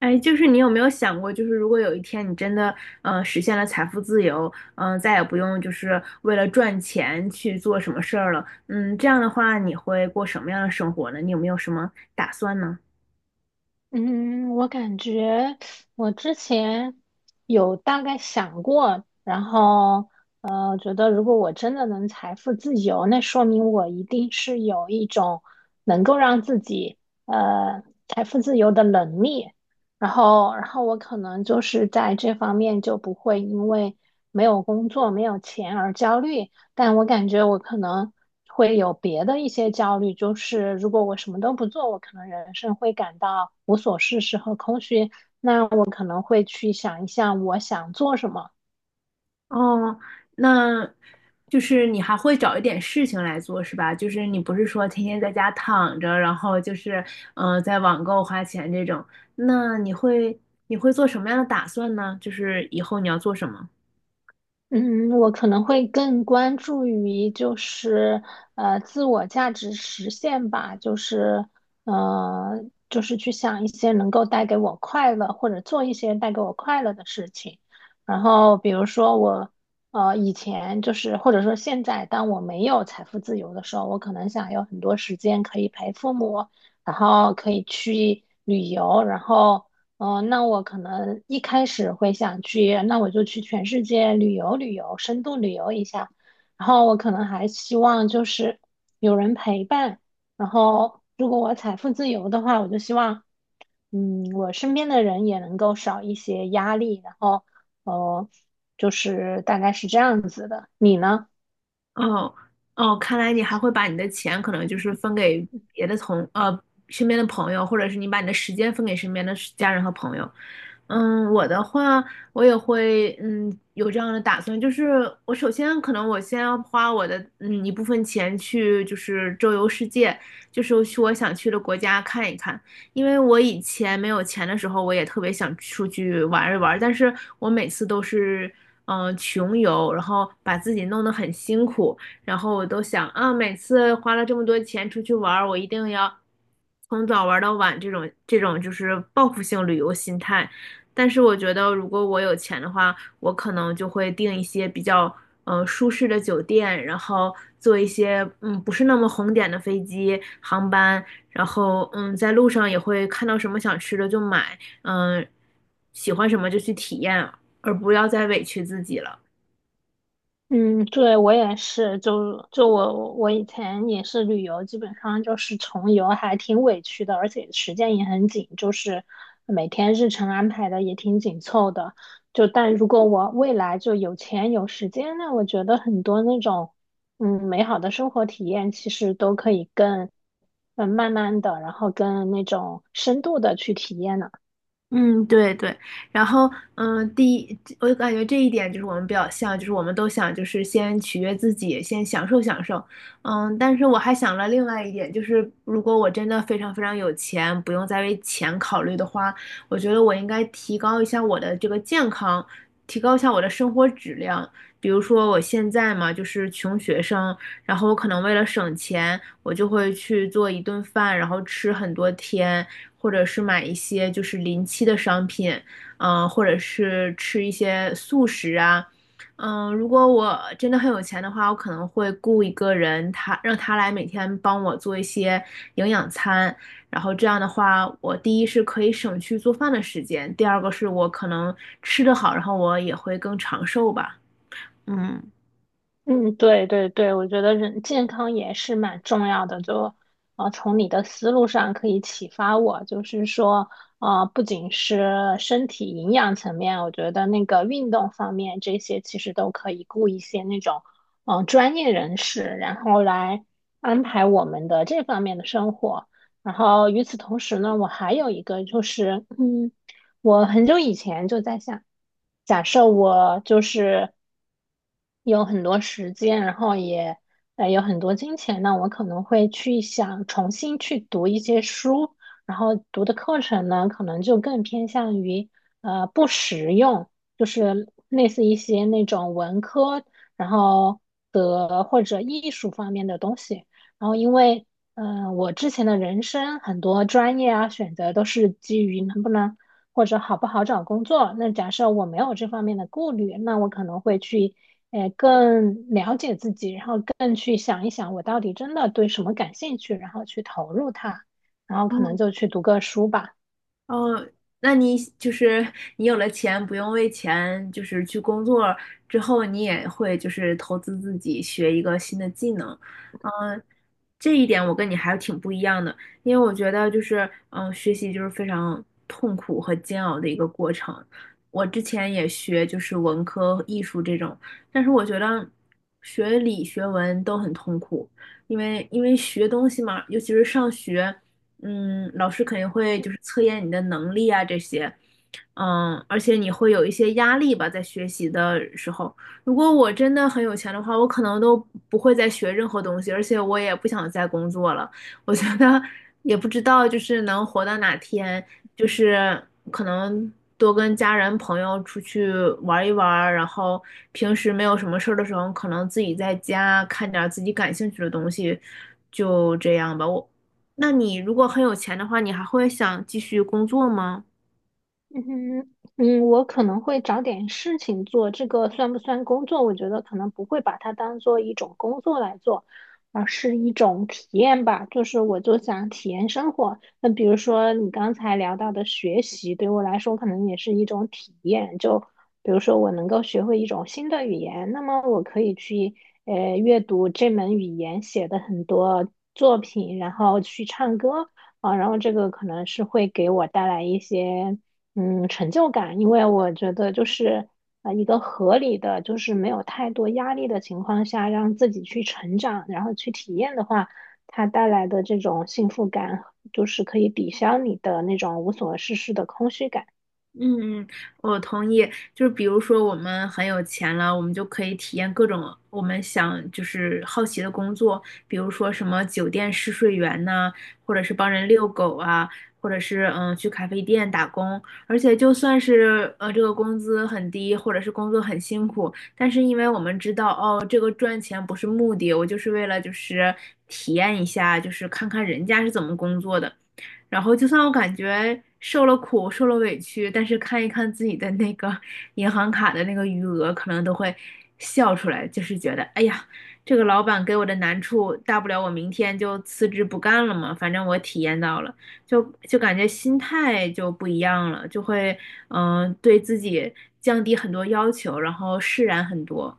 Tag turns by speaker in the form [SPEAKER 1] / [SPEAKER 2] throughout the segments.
[SPEAKER 1] 哎，就是你有没有想过，就是如果有一天你真的，实现了财富自由，再也不用就是为了赚钱去做什么事儿了，嗯，这样的话你会过什么样的生活呢？你有没有什么打算呢？
[SPEAKER 2] 嗯，我感觉我之前有大概想过，然后觉得如果我真的能财富自由，那说明我一定是有一种能够让自己呃财富自由的能力。然后我可能就是在这方面就不会因为没有工作、没有钱而焦虑，但我感觉我可能会有别的一些焦虑，就是如果我什么都不做，我可能人生会感到无所事事和空虚，我可能会去想一下，我想做什么。
[SPEAKER 1] 哦，那就是你还会找一点事情来做是吧？就是你不是说天天在家躺着，然后就是，在网购花钱这种，那你会你会做什么样的打算呢？就是以后你要做什么？
[SPEAKER 2] 嗯，我可能会更关注于就是自我价值实现吧，就是就是去想一些能够带给我快乐，或者做一些带给我快乐的事情。然后比如说我以前就是或者说现在，当我没有财富自由的时候，我可能想有很多时间可以陪父母，然后可以去旅游。然后。哦，那我可能一开始会想去，那我就去全世界旅游旅游，深度旅游一下。然后我可能还希望就是有人陪伴。然后如果我财富自由的话，我就希望，嗯，我身边的人也能够少一些压力。然后，哦，就是大概是这样子的。你呢？
[SPEAKER 1] 哦哦，看来你还会把你的钱可能就是分给别的同呃身边的朋友，或者是你把你的时间分给身边的是家人和朋友。嗯，我的话，我也会有这样的打算，就是我首先可能我先要花我的一部分钱去就是周游世界，就是去我想去的国家看一看。因为我以前没有钱的时候，我也特别想出去玩一玩，但是我每次都是穷游，然后把自己弄得很辛苦，然后我都想啊，每次花了这么多钱出去玩儿，我一定要从早玩到晚，这种就是报复性旅游心态。但是我觉得，如果我有钱的话，我可能就会订一些比较舒适的酒店，然后坐一些不是那么红点的飞机航班，然后嗯，在路上也会看到什么想吃的就买，嗯，喜欢什么就去体验，而不要再委屈自己了。
[SPEAKER 2] 嗯，对，我也是，就我以前也是旅游，基本上就是穷游，还挺委屈的，而且时间也很紧，就是每天日程安排的也挺紧凑的。就但如果我未来就有钱有时间，那我觉得很多那种嗯美好的生活体验，其实都可以更嗯慢慢的，然后更那种深度的去体验呢。
[SPEAKER 1] 嗯，对对，然后第一，我感觉这一点就是我们比较像，就是我们都想就是先取悦自己，先享受享受，嗯，但是我还想了另外一点，就是如果我真的非常非常有钱，不用再为钱考虑的话，我觉得我应该提高一下我的这个健康，提高一下我的生活质量。比如说我现在嘛，就是穷学生，然后我可能为了省钱，我就会去做一顿饭，然后吃很多天。或者是买一些就是临期的商品，或者是吃一些素食啊，如果我真的很有钱的话，我可能会雇一个人，让他来每天帮我做一些营养餐，然后这样的话，我第一是可以省去做饭的时间，第二个是我可能吃得好，然后我也会更长寿吧，嗯。
[SPEAKER 2] 嗯，对对对，我觉得人健康也是蛮重要的。就，从你的思路上可以启发我，就是说，不仅是身体营养层面，我觉得那个运动方面这些其实都可以雇一些那种，嗯、专业人士，然后来安排我们的这方面的生活。然后与此同时呢，我还有一个就是，嗯。我很久以前就在想，假设我就是有很多时间，然后也有很多金钱，那我可能会去想重新去读一些书，然后读的课程呢，可能就更偏向于不实用，就是类似一些那种文科，然后的或者艺术方面的东西。然后因为我之前的人生很多专业啊选择都是基于能不能，或者好不好找工作。那假设我没有这方面的顾虑，那我可能会去，更了解自己，然后更去想一想我到底真的对什么感兴趣，然后去投入它，然后可能就去读个书吧。
[SPEAKER 1] 哦，那你就是你有了钱，不用为钱就是去工作之后，你也会就是投资自己学一个新的技能，嗯，这一点我跟你还挺不一样的，因为我觉得就是学习就是非常痛苦和煎熬的一个过程。我之前也学就是文科、艺术这种，但是我觉得学理学文都很痛苦，因为学东西嘛，尤其是上学。嗯，老师肯定会就是测验你的能力啊这些，嗯，而且你会有一些压力吧，在学习的时候。如果我真的很有钱的话，我可能都不会再学任何东西，而且我也不想再工作了。我觉得也不知道就是能活到哪天，就是可能多跟家人朋友出去玩一玩，然后平时没有什么事儿的时候，可能自己在家看点儿自己感兴趣的东西，就这样吧。我。那你如果很有钱的话，你还会想继续工作吗？
[SPEAKER 2] 嗯哼，嗯，我可能会找点事情做，这个算不算工作？我觉得可能不会把它当做一种工作来做，而是一种体验吧。就是我就想体验生活。那比如说你刚才聊到的学习，对我来说可能也是一种体验。就比如说我能够学会一种新的语言，那么我可以去阅读这门语言写的很多作品，然后去唱歌。啊，然后这个可能是会给我带来一些嗯成就感，因为我觉得就是一个合理的，就是没有太多压力的情况下，让自己去成长，然后去体验的话，它带来的这种幸福感，就是可以抵消你的那种无所事事的空虚感。
[SPEAKER 1] 嗯，嗯，我同意。就是比如说，我们很有钱了，我们就可以体验各种我们想就是好奇的工作，比如说什么酒店试睡员呐、或者是帮人遛狗啊，或者是去咖啡店打工。而且就算是这个工资很低，或者是工作很辛苦，但是因为我们知道哦，这个赚钱不是目的，我就是为了就是体验一下，就是看看人家是怎么工作的。然后就算我感觉受了苦、受了委屈，但是看一看自己的那个 银行卡的那个余额，可能都会笑出来，就是觉得，哎呀，这个老板给我的难处，大不了我明天就辞职不干了嘛，反正我体验到了，就就感觉心态就不一样了，就会对自己降低很多要求，然后释然很多。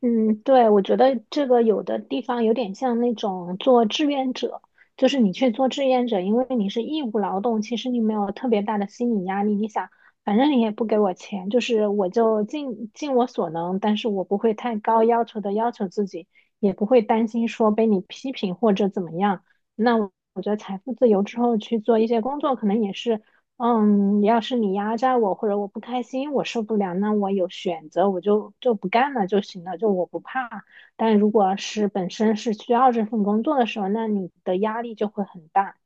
[SPEAKER 2] 嗯，对，我觉得这个有的地方有点像那种做志愿者，就是你去做志愿者，因为你是义务劳动，其实你没有特别大的心理压力。你想，反正你也不给我钱，就是我就尽尽我所能，但是我不会太高要求的要求自己，也不会担心说被你批评或者怎么样。那我觉得财富自由之后去做一些工作，可能也是。嗯，要是你压榨我或者我不开心，我受不了，那我有选择，我就不干了就行了，就我不怕。但如果是本身是需要这份工作的时候，那你的压力就会很大。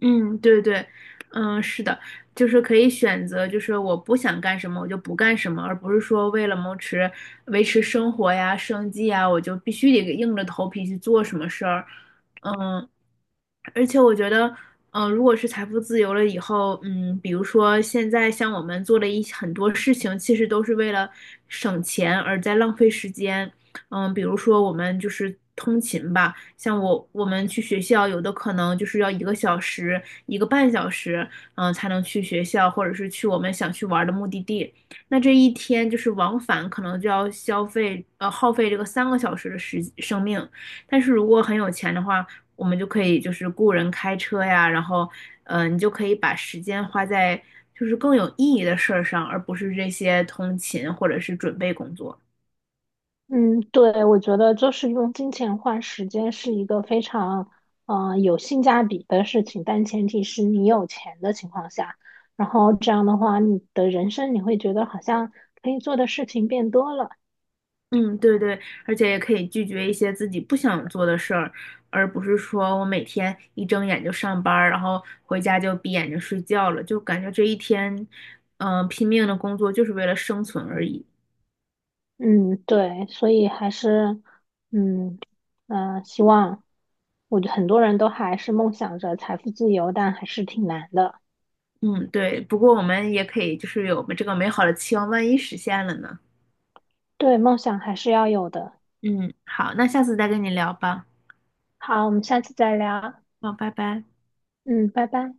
[SPEAKER 1] 嗯，对对，嗯，是的，就是可以选择，就是我不想干什么，我就不干什么，而不是说为了维持生活呀、生计呀，我就必须得硬着头皮去做什么事儿。嗯，而且我觉得，如果是财富自由了以后，嗯，比如说现在像我们做的很多事情，其实都是为了省钱而在浪费时间。嗯，比如说我们就是通勤吧，像我们去学校，有的可能就是要一个小时、一个半小时，嗯，才能去学校，或者是去我们想去玩的目的地。那这一天就是往返，可能就要耗费这个三个小时的生命。但是如果很有钱的话，我们就可以就是雇人开车呀，然后，你就可以把时间花在就是更有意义的事儿上，而不是这些通勤或者是准备工作。
[SPEAKER 2] 嗯，对，我觉得就是用金钱换时间是一个非常有性价比的事情，但前提是你有钱的情况下，然后这样的话，你的人生你会觉得好像可以做的事情变多了。
[SPEAKER 1] 嗯，对对，而且也可以拒绝一些自己不想做的事儿，而不是说我每天一睁眼就上班儿，然后回家就闭眼睛睡觉了，就感觉这一天，拼命的工作就是为了生存而已。
[SPEAKER 2] 嗯，对，所以还是，嗯希望，我觉得很多人都还是梦想着财富自由，但还是挺难的。
[SPEAKER 1] 嗯，对。不过我们也可以就是有这个美好的期望，万一实现了呢？
[SPEAKER 2] 对，梦想还是要有的。
[SPEAKER 1] 嗯，好，那下次再跟你聊吧。
[SPEAKER 2] 好，我们下次再聊。
[SPEAKER 1] 好，拜拜。
[SPEAKER 2] 嗯，拜拜。